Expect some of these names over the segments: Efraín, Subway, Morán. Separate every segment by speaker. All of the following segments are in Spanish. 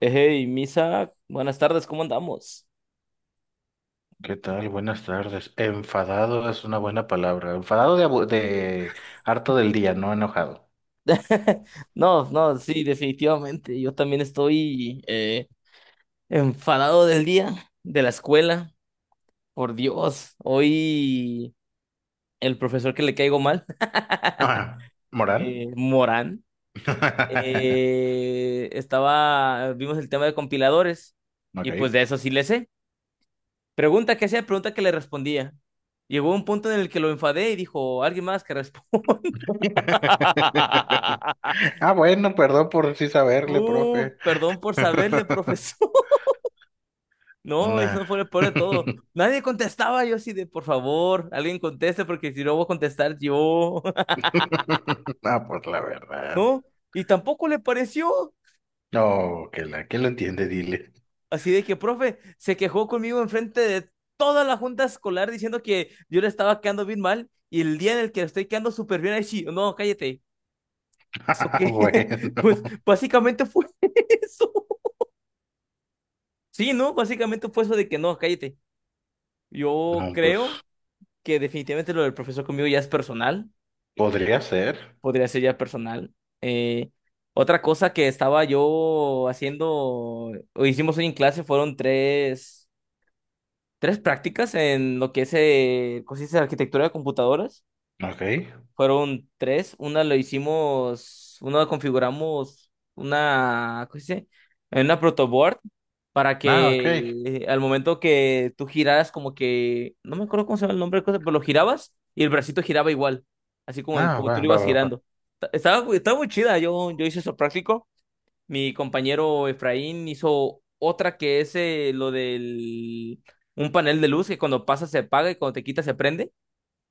Speaker 1: Hey, Misa, buenas tardes, ¿cómo andamos?
Speaker 2: ¿Qué tal? Buenas tardes. Enfadado es una buena palabra. Enfadado de harto del día, no enojado.
Speaker 1: No, no, sí, definitivamente. Yo también estoy enfadado del día, de la escuela. Por Dios, hoy el profesor que le caigo mal,
Speaker 2: Ajá. ¿Moral?
Speaker 1: Morán, estaba, vimos el tema de compiladores y pues
Speaker 2: Ok.
Speaker 1: de eso sí le sé. Pregunta que hacía, pregunta que le respondía. Llegó un punto en el que lo enfadé y dijo, alguien más que responda.
Speaker 2: Ah, bueno, perdón por sí saberle, profe.
Speaker 1: Perdón por saberle, profesor. No, y eso
Speaker 2: Una.
Speaker 1: fue el peor de todo. Nadie contestaba, yo así de, por favor, alguien conteste, porque si no voy a contestar yo.
Speaker 2: Ah, pues la verdad.
Speaker 1: No, y tampoco le pareció.
Speaker 2: No, que la que lo entiende, dile.
Speaker 1: Así de que, profe, se quejó conmigo enfrente de toda la junta escolar diciendo que yo le estaba quedando bien mal. Y el día en el que estoy quedando súper bien, ahí sí, no, cállate. ¿Eso
Speaker 2: Ah,
Speaker 1: qué? Pues
Speaker 2: bueno.
Speaker 1: básicamente fue eso. Sí, ¿no? Básicamente fue eso de que no, cállate. Yo
Speaker 2: No, pues
Speaker 1: creo que definitivamente lo del profesor conmigo ya es personal,
Speaker 2: podría ser.
Speaker 1: podría ser ya personal. Eh, otra cosa que estaba yo haciendo, o hicimos hoy en clase, fueron tres prácticas en lo que es cosas de arquitectura de computadoras.
Speaker 2: Ok.
Speaker 1: Fueron tres. Una lo hicimos, una configuramos una, ¿cómo se dice? En una protoboard para
Speaker 2: Ah, ok.
Speaker 1: que al momento que tú giraras como que, no me acuerdo cómo se llama el nombre de cosa, pero lo girabas y el bracito giraba igual, así como,
Speaker 2: Ah,
Speaker 1: como tú
Speaker 2: va,
Speaker 1: lo
Speaker 2: va,
Speaker 1: ibas
Speaker 2: va, va.
Speaker 1: girando. Estaba muy chida, yo hice eso práctico. Mi compañero Efraín hizo otra que es lo del un panel de luz que cuando pasa se apaga y cuando te quita se prende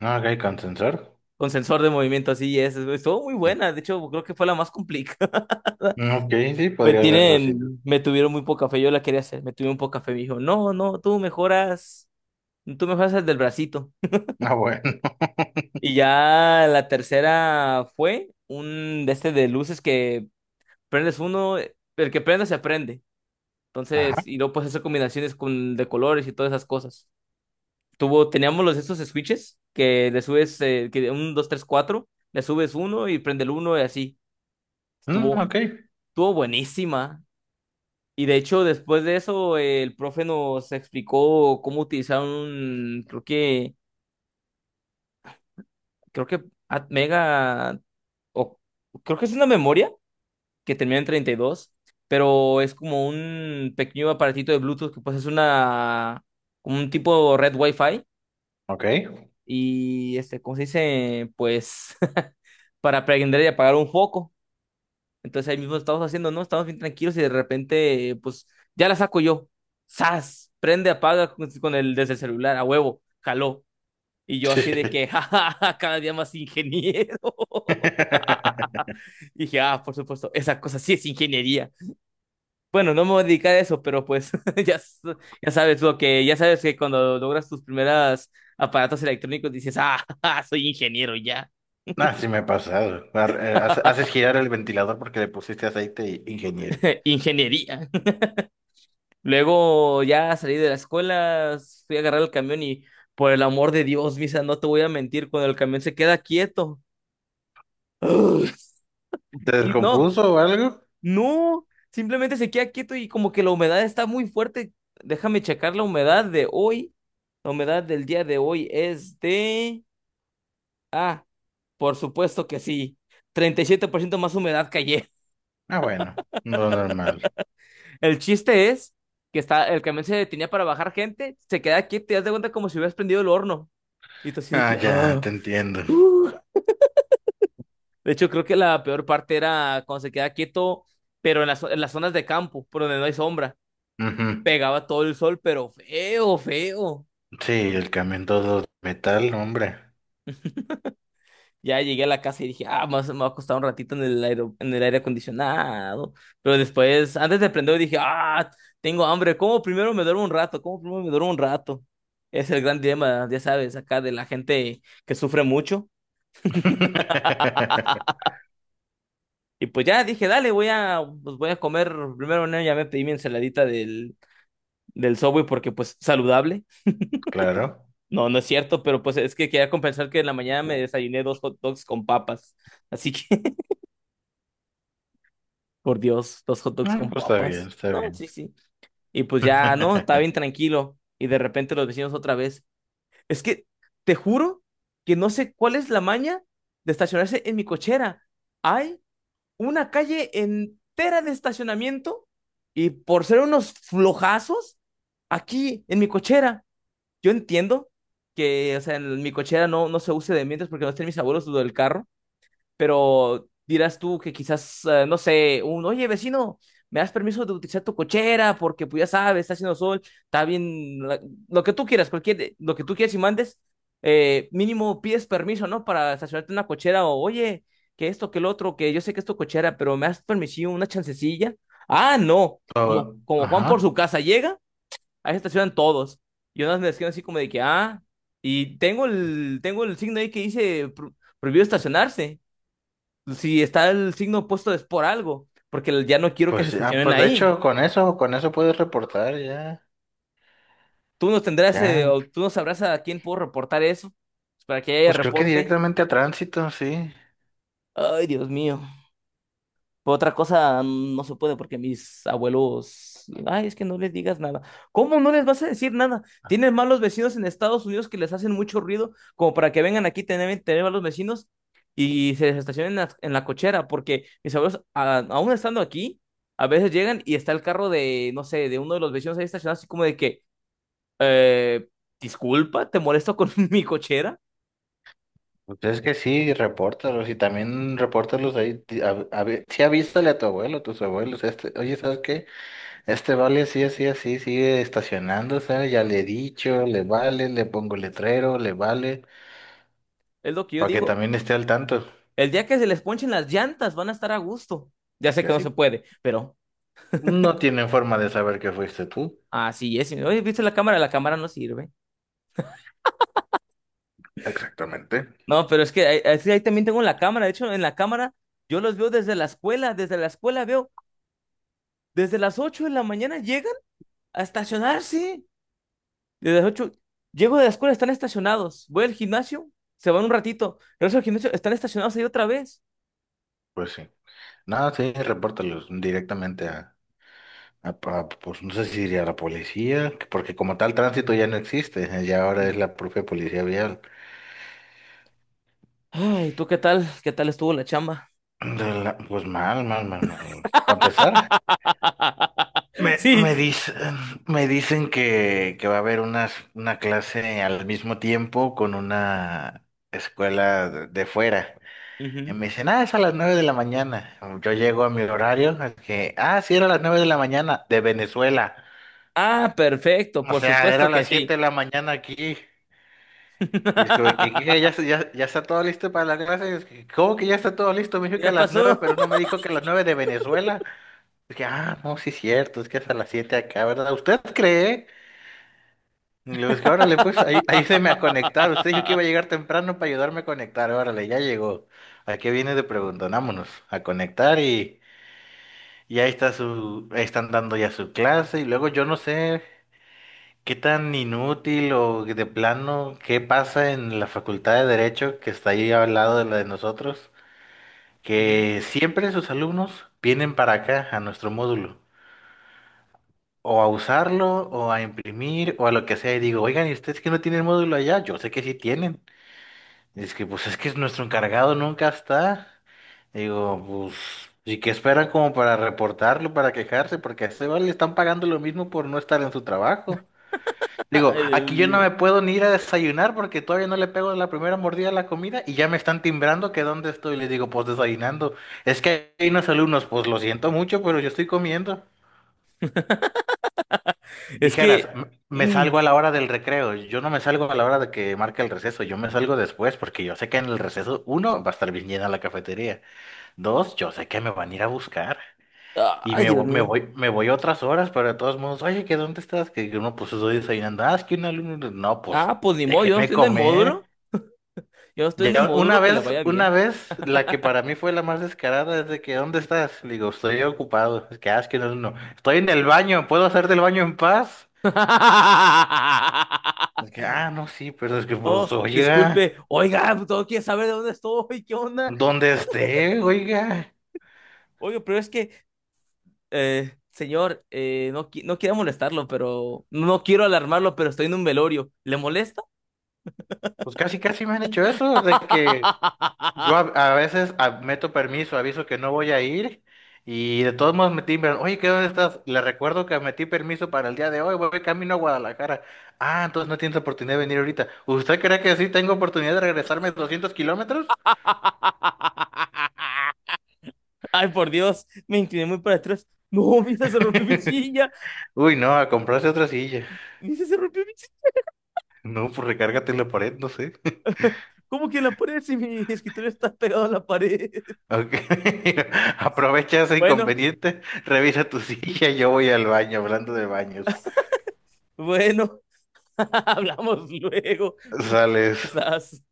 Speaker 2: Ah, ok, con sensor.
Speaker 1: con sensor de movimiento, así es. Estuvo muy buena, de hecho creo que fue la más complicada.
Speaker 2: Mm, ok, sí, podría verlo así.
Speaker 1: Me tuvieron muy poca fe, yo la quería hacer, me tuvieron poca fe, me dijo, no, no, tú mejoras el del bracito.
Speaker 2: Ah, bueno.
Speaker 1: Y ya la tercera fue un de este de luces que prendes uno, el que prende se aprende. Entonces,
Speaker 2: Ajá.
Speaker 1: y luego pues hacer combinaciones con, de colores y todas esas cosas. Tuvo, teníamos los estos switches que le subes, que un, dos, tres, cuatro, le subes uno y prende el uno y así.
Speaker 2: Mm,
Speaker 1: Estuvo
Speaker 2: ok,
Speaker 1: Estuvo buenísima. Y de hecho, después de eso, el profe nos explicó cómo utilizar un, creo que at- mega, o creo que es una memoria que termina en 32, pero es como un pequeño aparatito de Bluetooth que pues es una, como un tipo red Wi-Fi.
Speaker 2: ok.
Speaker 1: Y este, ¿cómo se dice? Pues para prender y apagar un foco. Entonces ahí mismo estamos haciendo, ¿no? Estamos bien tranquilos y de repente, pues, ya la saco yo. ¡Sas! Prende, apaga con el desde el celular, a huevo, jaló. Y yo así de que, jajaja, cada día más ingeniero. Y dije, ah, por supuesto, esa cosa sí es ingeniería. Bueno, no me voy a dedicar a eso, pero pues ya, ya sabes lo que, ya sabes que cuando logras tus primeras aparatos electrónicos dices, ah, soy ingeniero ya.
Speaker 2: Ah, sí me ha pasado. Haces girar el ventilador porque le pusiste aceite, ingeniero.
Speaker 1: Ingeniería. Luego ya salí de la escuela, fui a agarrar el camión y por el amor de Dios, Misa, no te voy a mentir, cuando el camión se queda quieto.
Speaker 2: ¿Te
Speaker 1: Y no,
Speaker 2: descompuso o algo?
Speaker 1: no, simplemente se queda quieto y como que la humedad está muy fuerte. Déjame checar la humedad de hoy. La humedad del día de hoy es de... ah, por supuesto que sí. 37% más humedad que ayer.
Speaker 2: Ah, bueno, no normal.
Speaker 1: El chiste es que está, el camión se detenía para bajar gente, se queda quieto y haz de cuenta como si hubieras prendido el horno. Y tú así de
Speaker 2: Ah,
Speaker 1: que...
Speaker 2: ya,
Speaker 1: "Ah".
Speaker 2: te entiendo.
Speaker 1: Uh, de hecho, creo que la peor parte era cuando se queda quieto, pero en las zonas de campo, por donde no hay sombra.
Speaker 2: Ujú.
Speaker 1: Pegaba todo el sol, pero feo, feo.
Speaker 2: Sí, el camión todo de metal, hombre.
Speaker 1: Ya llegué a la casa y dije, ah, más me va a costar un ratito en el aire acondicionado. Pero después, antes de prender, dije, ah, tengo hambre. ¿Cómo primero me duermo un rato? ¿Cómo primero me duermo un rato? Es el gran dilema, ya sabes, acá de la gente que sufre mucho. Y pues ya dije, dale, voy a, pues voy a comer. Primero, no, ya me pedí mi ensaladita del Subway porque pues saludable.
Speaker 2: Claro.
Speaker 1: No, no es cierto, pero pues es que quería compensar que en la mañana me desayuné dos hot dogs con papas. Así que, por Dios, dos hot dogs
Speaker 2: Ah,
Speaker 1: con
Speaker 2: pues está bien,
Speaker 1: papas.
Speaker 2: está
Speaker 1: No,
Speaker 2: bien.
Speaker 1: sí, sí. Y pues ya, no, estaba bien tranquilo. Y de repente los vecinos otra vez. Es que, te juro que no sé cuál es la maña de estacionarse en mi cochera. Hay una calle entera de estacionamiento y por ser unos flojazos, aquí en mi cochera. Yo entiendo que, o sea, en mi cochera no, no se use de mientras porque no estén mis abuelos lo del carro, pero dirás tú que quizás, no sé, un, oye, vecino, ¿me das permiso de utilizar tu cochera? Porque pues ya sabes, está haciendo sol, está bien, lo que tú quieras, cualquier, lo que tú quieras y mandes, mínimo pides permiso, ¿no? Para estacionarte en una cochera o, oye, que esto, que el otro, que yo sé que es tu cochera, pero ¿me das permiso, una chancecilla? Ah, no, como,
Speaker 2: Oh,
Speaker 1: como Juan por su
Speaker 2: ajá.
Speaker 1: casa llega. Ahí se estacionan todos. Y unas me escriben así como de que, ah, y tengo el signo ahí que dice prohibido estacionarse. Si está el signo puesto es por algo, porque ya no quiero que se
Speaker 2: Pues ya,
Speaker 1: estacionen
Speaker 2: pues de
Speaker 1: ahí.
Speaker 2: hecho, con eso puedes reportar ya.
Speaker 1: Tú no tendrás,
Speaker 2: Ya,
Speaker 1: o tú no sabrás a quién puedo reportar eso, pues, para que haya
Speaker 2: pues creo que
Speaker 1: reporte.
Speaker 2: directamente a tránsito, sí.
Speaker 1: Ay, Dios mío. Pero otra cosa no se puede porque mis abuelos, ay, es que no les digas nada. ¿Cómo no les vas a decir nada? Tienes malos vecinos en Estados Unidos que les hacen mucho ruido, como para que vengan aquí tener, tener malos vecinos y se les estacionen en la cochera, porque mis abuelos, aún estando aquí, a veces llegan y está el carro de, no sé, de uno de los vecinos ahí estacionado, así como de que, eh, disculpa, te molesto con mi cochera,
Speaker 2: Pues es que sí, repórtalos y también repórtalos ahí. Sí, avísale a tu abuelo, tus abuelos. Este, oye, ¿sabes qué? Este vale así, así, así, sigue estacionándose. Ya le he dicho, le vale, le pongo letrero, le vale,
Speaker 1: es lo que yo
Speaker 2: para que
Speaker 1: digo.
Speaker 2: también esté al tanto.
Speaker 1: El día que se les ponchen las llantas van a estar a gusto. Ya sé
Speaker 2: Que
Speaker 1: que no se
Speaker 2: así
Speaker 1: puede, pero...
Speaker 2: no tienen forma de saber que fuiste tú.
Speaker 1: Así es. Y oye, ¿viste la cámara? La cámara no sirve.
Speaker 2: Exactamente.
Speaker 1: No, pero es que ahí, también tengo la cámara. De hecho, en la cámara yo los veo desde la escuela. Desde la escuela veo, desde las 8 de la mañana llegan a estacionarse. Desde las 8 llego de la escuela, están estacionados. Voy al gimnasio, se van un ratito. Regreso al gimnasio, están estacionados ahí otra vez.
Speaker 2: Pues sí. No, sí, repórtalos directamente a, pues no sé si diría a la policía, porque como tal tránsito ya no existe, ya ahora
Speaker 1: Mm.
Speaker 2: es la propia policía vial.
Speaker 1: Ay, ¿tú qué tal? ¿Qué tal estuvo la chamba?
Speaker 2: De la- pues mal, mal, mal, mal. Para empezar, me, me
Speaker 1: Sí.
Speaker 2: dicen, me dicen que va a haber unas, una clase al mismo tiempo con una escuela de fuera. Y
Speaker 1: Ujú.
Speaker 2: me dicen, ah, es a las 9 de la mañana. Yo llego a mi horario, es que, ah, sí, era a las 9 de la mañana, de Venezuela.
Speaker 1: Ah, perfecto,
Speaker 2: O
Speaker 1: por
Speaker 2: sea,
Speaker 1: supuesto
Speaker 2: era
Speaker 1: que
Speaker 2: las 7
Speaker 1: sí.
Speaker 2: de la mañana aquí. Y es que, que- que ya, ya, ya está todo listo para la clase. Y es que, ¿cómo que ya está todo listo? Me dijo que a
Speaker 1: Ya
Speaker 2: las 9,
Speaker 1: pasó.
Speaker 2: pero no me dijo que a las 9 de Venezuela. Es que, ah, no, sí es cierto, es que es a las 7 acá, ¿verdad? ¿Usted cree? Y le digo, es que órale, pues ahí, ayúdeme a conectar. Usted dijo que iba a llegar temprano para ayudarme a conectar. Órale, ya llegó. ¿A qué viene de pregunta? Vámonos a conectar y ahí está su, ahí están dando ya su clase. Y luego yo no sé. ¿Qué tan inútil o de plano, qué pasa en la Facultad de Derecho que está ahí al lado de la de nosotros?
Speaker 1: Ujú.
Speaker 2: Que siempre sus alumnos vienen para acá, a nuestro módulo, o a usarlo, o a imprimir, o a lo que sea. Y digo, oigan, ¿y ustedes que no tienen módulo allá? Yo sé que sí tienen. Y es que, pues es que nuestro encargado nunca está. Digo, pues, ¿y qué esperan como para reportarlo, para quejarse? Porque a ese vale le están pagando lo mismo por no estar en su trabajo. Digo,
Speaker 1: Ay, Dios
Speaker 2: aquí yo no
Speaker 1: mío.
Speaker 2: me puedo ni ir a desayunar porque todavía no le pego la primera mordida a la comida y ya me están timbrando que dónde estoy. Les digo, pues desayunando. Es que hay unos alumnos, pues lo siento mucho, pero yo estoy comiendo.
Speaker 1: Es
Speaker 2: Dijeras,
Speaker 1: que.
Speaker 2: "M- me
Speaker 1: mm,
Speaker 2: salgo a la hora del recreo". Yo no me salgo a la hora de que marque el receso. Yo me salgo después porque yo sé que en el receso, uno, va a estar bien llena la cafetería. Dos, yo sé que me van a ir a buscar.
Speaker 1: Ay, Dios
Speaker 2: Me
Speaker 1: mío.
Speaker 2: voy, me voy otras horas, pero de todos modos, oye, ¿que dónde estás? Que uno, pues estoy desayunando. Ah, es que un alumno, no, pues
Speaker 1: Ah, pues ni modo, yo no
Speaker 2: déjenme
Speaker 1: estoy en el módulo.
Speaker 2: comer.
Speaker 1: Yo no estoy en el
Speaker 2: Ya
Speaker 1: módulo que le vaya
Speaker 2: una
Speaker 1: bien.
Speaker 2: vez, la que para mí fue la más descarada es de que, ¿dónde estás? Le digo, estoy ocupado. Es que, ah, es que no, estoy en el baño, ¿puedo hacerte el baño en paz? Es que, ah, no, sí, pero es que,
Speaker 1: Oh,
Speaker 2: pues, oiga,
Speaker 1: disculpe. Oiga, todo quiere saber de dónde estoy, ¿qué onda?
Speaker 2: dónde esté, oiga.
Speaker 1: Oye, pero es que, señor, no, no quiero molestarlo, pero no quiero alarmarlo, pero estoy en un velorio. ¿Le molesta?
Speaker 2: Pues casi, casi me han hecho eso, de que yo a veces meto permiso, aviso que no voy a ir y de todos modos me timbran. Oye, ¿qué dónde estás? Le recuerdo que metí permiso para el día de hoy, voy camino a Guadalajara. Ah, entonces no tienes oportunidad de venir ahorita. ¿Usted cree que sí tengo oportunidad de regresarme 200 kilómetros?
Speaker 1: Ay, por Dios, me incliné muy para atrás. No, Misa se rompió mi silla.
Speaker 2: Uy, no, a comprarse otra silla.
Speaker 1: Misa se rompió mi silla.
Speaker 2: No, pues recárgate en la pared, no sé.
Speaker 1: ¿Cómo que en la pared si mi escritorio está pegado a la pared?
Speaker 2: Ok, aprovecha ese
Speaker 1: Bueno,
Speaker 2: inconveniente, revisa tu silla, yo voy al baño, hablando de baños.
Speaker 1: bueno, hablamos luego.
Speaker 2: Sales.
Speaker 1: Sas.